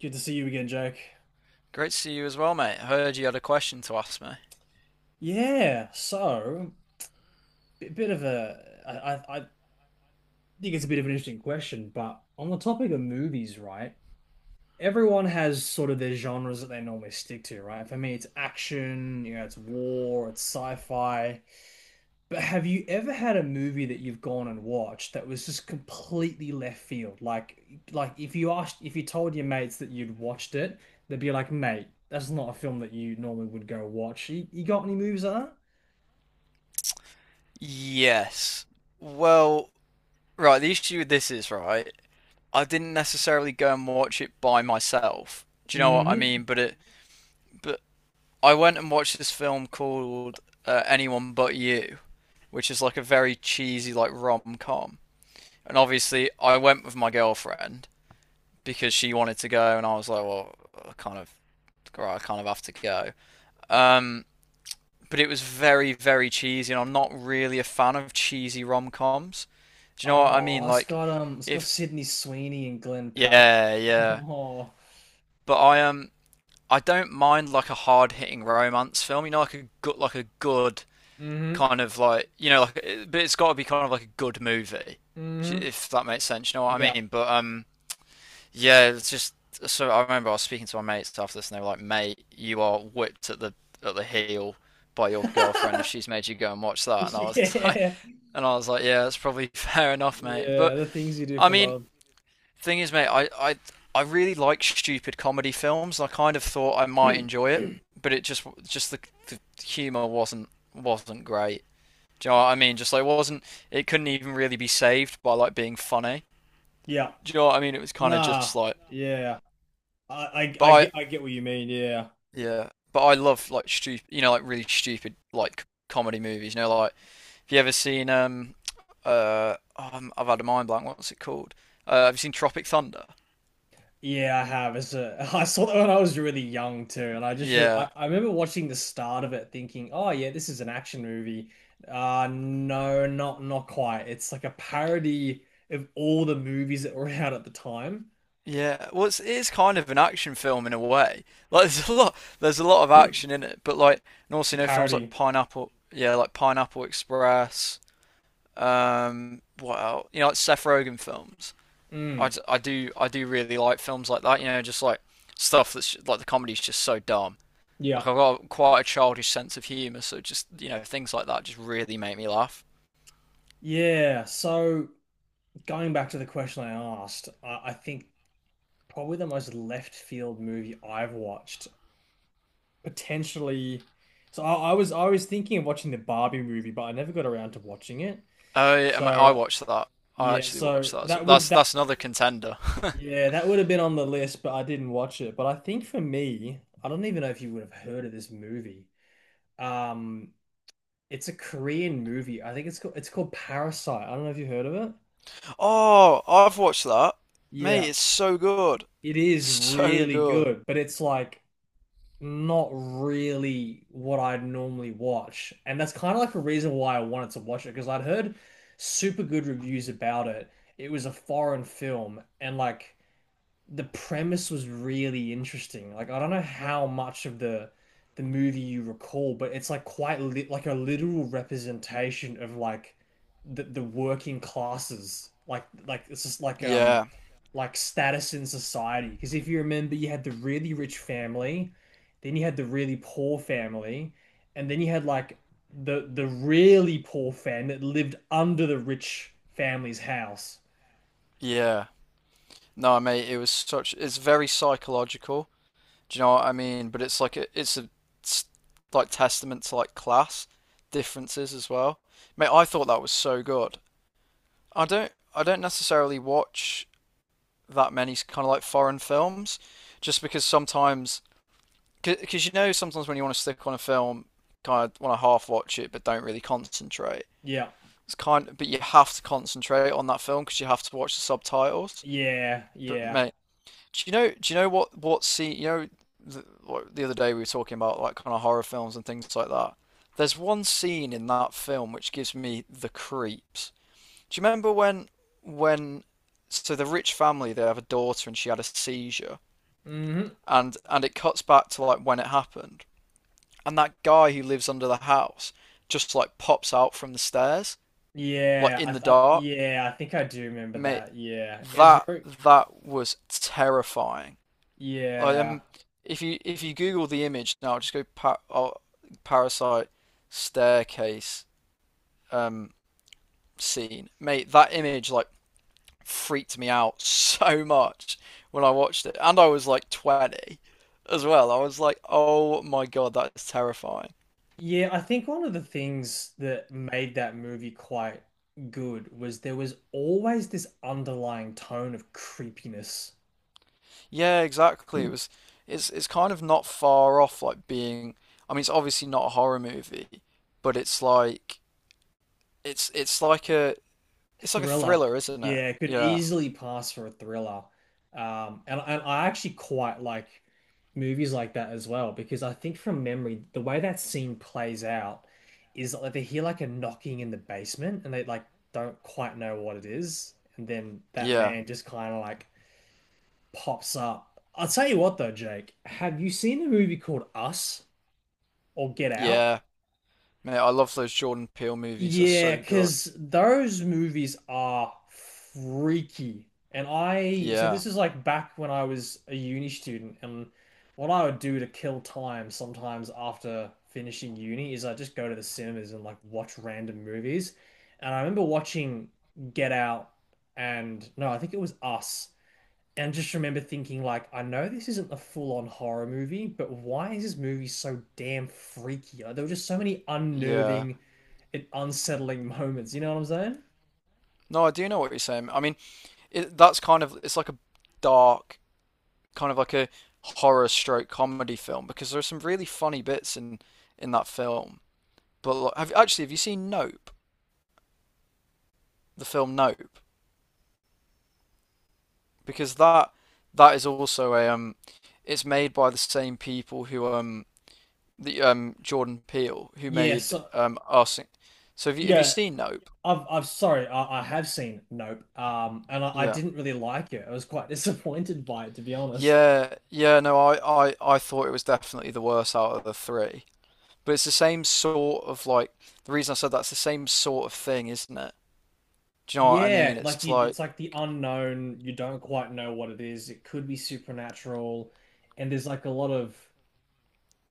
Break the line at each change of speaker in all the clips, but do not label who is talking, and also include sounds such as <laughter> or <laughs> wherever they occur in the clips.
Good to see you again, Jake.
Great to see you as well, mate. I heard you had a question to ask me.
Yeah, so a bit of a, I think it's a bit of an interesting question, but on the topic of movies, right? Everyone has sort of their genres that they normally stick to, right? For me, it's action, you know, it's war, it's sci-fi. But have you ever had a movie that you've gone and watched that was just completely left field? Like if you asked, if you told your mates that you'd watched it, they'd be like, "Mate, that's not a film that you normally would go watch." You got any movies like that?
Yes. Well, right, the issue with this is, right, I didn't necessarily go and watch it by myself. Do you know what I
Hmm.
mean? But I went and watched this film called Anyone But You, which is like a very cheesy like rom-com. And obviously, I went with my girlfriend because she wanted to go, and I was like, well, I kind of have to go. Um, but it was very, very cheesy, and I'm not really a fan of cheesy rom coms. Do you know what I
Oh,
mean? Like,
it's got
if
Sydney Sweeney and Glenn Powell.
yeah,
<laughs>
yeah,
Oh,
but I don't mind like a hard hitting romance film. You know, like a good
mm-hmm,
kind of like like but it's got to be kind of like a good movie,
mm-hmm.
if that makes sense. You know what I
Yeah.
mean? But yeah, it's just so I remember I was speaking to my mates after this, and they were like, "Mate, you are whipped at the heel by your girlfriend if
<laughs>
she's made you go and watch that." And I was <laughs> like,
Yeah.
and I was like, yeah, that's probably <laughs> fair enough, mate.
Yeah,
But
the things you do
I
for
mean,
love.
thing is, mate, I really like stupid comedy films. I kind of thought I might enjoy it, but it just the humor wasn't great. Do you know what I mean? Just like wasn't, it couldn't even really be saved by like being funny.
Yeah.
Do you know what I mean? It was kind of
Nah.
just like,
Yeah. I, I I get
but
I
I
get what you mean. Yeah.
yeah, but I love like stupid, you know, like really stupid like comedy movies. You know, like have you ever seen oh, I have had a mind blank. What's it called? Have you seen Tropic Thunder?
Yeah, I have. <laughs> I saw that when I was really young too, and I just
Yeah,
I, I remember watching the start of it thinking, "Oh yeah, this is an action movie." No, not quite. It's like a parody of all the movies that were <laughs> out at the time.
yeah. Well, it's kind of an action film in a way. <laughs> Like there's a lot of action
<clears throat>
in it, but like, and
It's
also
a
you know films like
parody.
Pineapple, yeah, like Pineapple Express. What else? You know, like Seth Rogen films. I,
Mm,
d- I do I do really like films like that. You know, just like stuff that's like the comedy's just so dumb. Like
yeah.
I've got quite a childish sense of humor, so just you know things like that just really make me laugh.
Yeah. So going back to the question I asked, I think probably the most left field movie I've watched, potentially. So I was thinking of watching the Barbie movie, but I never got around to watching it.
Oh, yeah, I mean, I
So
watched that. I
yeah,
actually watched
so
that as well.
that would
That's
that
that's another contender. <laughs>
yeah, that would have been on the list, but I didn't watch it. But I think for me, I don't even know if you would have heard of this movie. Um, it's a Korean movie. I think it's called Parasite. I don't know if you heard of it.
Oh, I've watched that. Mate,
Yeah,
it's so good.
it
It's
is
so
really
good.
good, but it's like not really what I'd normally watch. And that's kind of like a reason why I wanted to watch it because I'd heard super good reviews about it. It was a foreign film, and like the premise was really interesting. Like I don't know how much of the movie you recall, but it's like quite li like a literal representation of like the working classes. Like it's just
Yeah,
like status in society. Because if you remember, you had the really rich family, then you had the really poor family, and then you had like the really poor family that lived under the rich family's house.
yeah. No, mate, it was such it's very psychological. Do you know what I mean? But it's like a it's like testament to like class differences as well. Mate, I thought that was so good. I don't necessarily watch that many kind of like foreign films just because sometimes when you want to stick on a film, kind of want to half watch it but don't really concentrate.
Yeah,
It's kind of, but you have to concentrate on that film because you have to watch the subtitles. But
yeah.
mate, do you know? Do you know what scene? You know, the other day we were talking about like kind of horror films and things like that. There's one scene in that film which gives me the creeps. Do you remember when, when so the rich family, they have a daughter and she had a seizure,
Mhm.
and it cuts back to like when it happened, and that guy who lives under the house just like pops out from the stairs like in the dark,
Yeah, I think I do remember
mate.
that. Yeah, it was
that
very
that was terrifying. Like,
yeah,
if you Google the image now, just go oh, parasite staircase um, scene, mate. That image like freaked me out <laughs> so much when I watched it, and I was like 20 as well. I was like, oh my god, that is terrifying.
yeah. I think one of the things that made that movie quite good was there was always this underlying tone of creepiness.
Yeah, exactly. It was. It's kind of not far off like being, I mean, it's obviously not a horror movie, but it's like a It's like a
Thriller.
thriller, isn't it?
Yeah, it could
Yeah.
easily pass for a thriller. And I actually quite like movies like that as well because I think from memory, the way that scene plays out is that, like they hear like a knocking in the basement and they like don't quite know what it is. And then that
Yeah.
man just kind of like pops up. I'll tell you what though, Jake, have you seen the movie called Us or Get Out?
Yeah. Man, I love those Jordan Peele movies. They're
Yeah,
so good.
because those movies are freaky. So
Yeah.
this is like back when I was a uni student, and what I would do to kill time sometimes after finishing uni is I just go to the cinemas and like watch random movies. And I remember watching Get Out and no, I think it was Us. And just remember thinking, like, I know this isn't a full-on horror movie, but why is this movie so damn freaky? Like, there were just so many
Yeah.
unnerving and unsettling <laughs> moments. You know what I'm saying?
No, I do know what you're saying. I mean, that's kind of, it's like a dark, kind of like a horror stroke comedy film, because there are some really funny bits in that film. But like, have actually, have you seen Nope? The film Nope? Because that is also a it's made by the same people who the Jordan Peele, who
Yeah.
made
So
Arsene. So have you
yeah,
seen Nope?
I have seen Nope. I
Yeah.
didn't really like it. I was quite <laughs> disappointed by it, to be honest.
Yeah, yeah, no, I thought it was definitely the worst out of the three. But it's the same sort of like, the reason I said that's the same sort of thing, isn't it? Do you know what I mean?
Yeah, like
It's
you,
like,
it's like the unknown. You don't quite know what it is. It could be supernatural, and there's like a lot of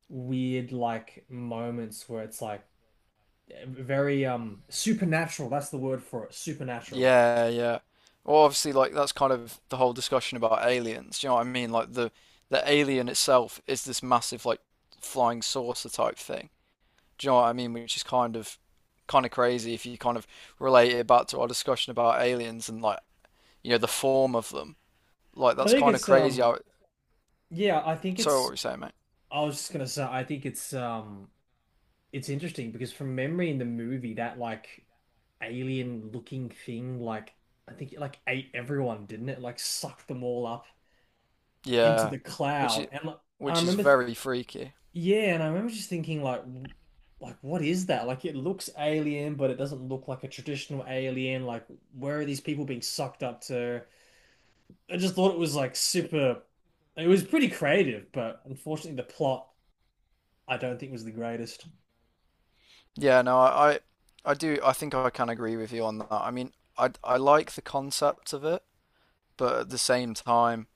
weird like moments where it's like very supernatural. That's the word for it. Supernatural.
yeah, yeah. Well, obviously like that's kind of the whole discussion about aliens. Do you know what I mean? Like the alien itself is this massive like flying saucer type thing. Do you know what I mean? Which is kind of crazy if you kind of relate it back to our discussion about aliens and like you know the form of them. Like
I
that's
think
kind of
it's
crazy. How
um
it,
yeah, I think
sorry, what
it's
were you saying, mate?
I was just gonna say I think it's interesting because from memory in the movie that like alien looking thing like I think it like ate everyone, didn't it? Like sucked them all up into
Yeah,
the
which
cloud.
is
And like, I
which is
remember th
very freaky.
yeah, and I remember just thinking like like what is that? Like it looks alien, but it doesn't look like a traditional alien. Like where are these people being sucked up to? I just thought it was like super. It was pretty creative, but unfortunately, the plot I don't think was the greatest.
Yeah, no, I do. I think I can agree with you on that. I mean, I like the concept of it, but at the same time,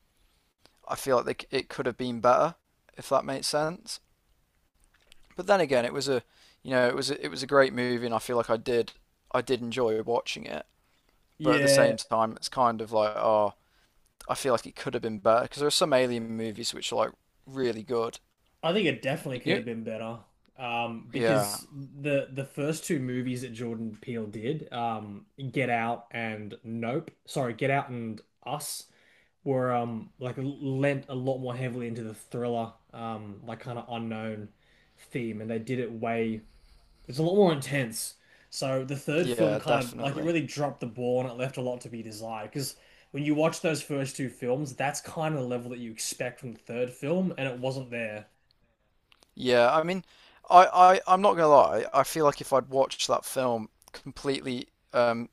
I feel like it could have been better, if that makes sense. But then again, it was a you know it was a great movie, and I feel like I did enjoy watching it. But at the
Yeah,
same time, it's kind of like, oh, I feel like it could have been better because there are some Alien movies which are like really good.
I think it definitely could
You,
have been better.
Yeah,
Because the first two movies that Jordan Peele did, Get Out and Nope, sorry, Get Out and Us, were like lent a lot more heavily into the thriller, like kind of unknown theme, and they did it way it's a lot more intense. So the third film
yeah,
kind of like it
definitely.
really dropped the ball and it left a lot to be desired. Because when you watch those first two films, that's kind of the level that you expect from the third film, and it wasn't there.
Yeah, I mean, I'm not gonna lie. I feel like if I'd watched that film completely, um,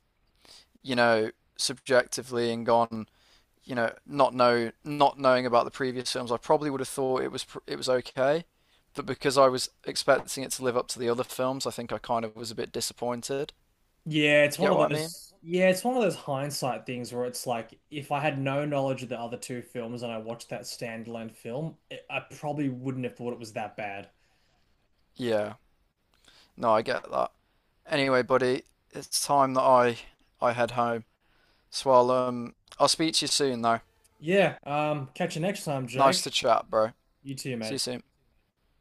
you know, subjectively and gone, not knowing about the previous films, I probably would have thought it was it was okay. But because I was expecting it to live up to the other films, I think I kind of was a bit disappointed. Do you get what I mean?
Yeah, it's one of those hindsight things where it's like if I had no knowledge of the other two films and I watched that standalone film, I probably wouldn't have thought it was that bad.
Yeah. No, I get that. Anyway, buddy, it's time that I head home. So I'll speak to you soon though.
Yeah, catch you next time,
Nice to
Jake.
chat, bro.
You too,
See you
mate.
soon.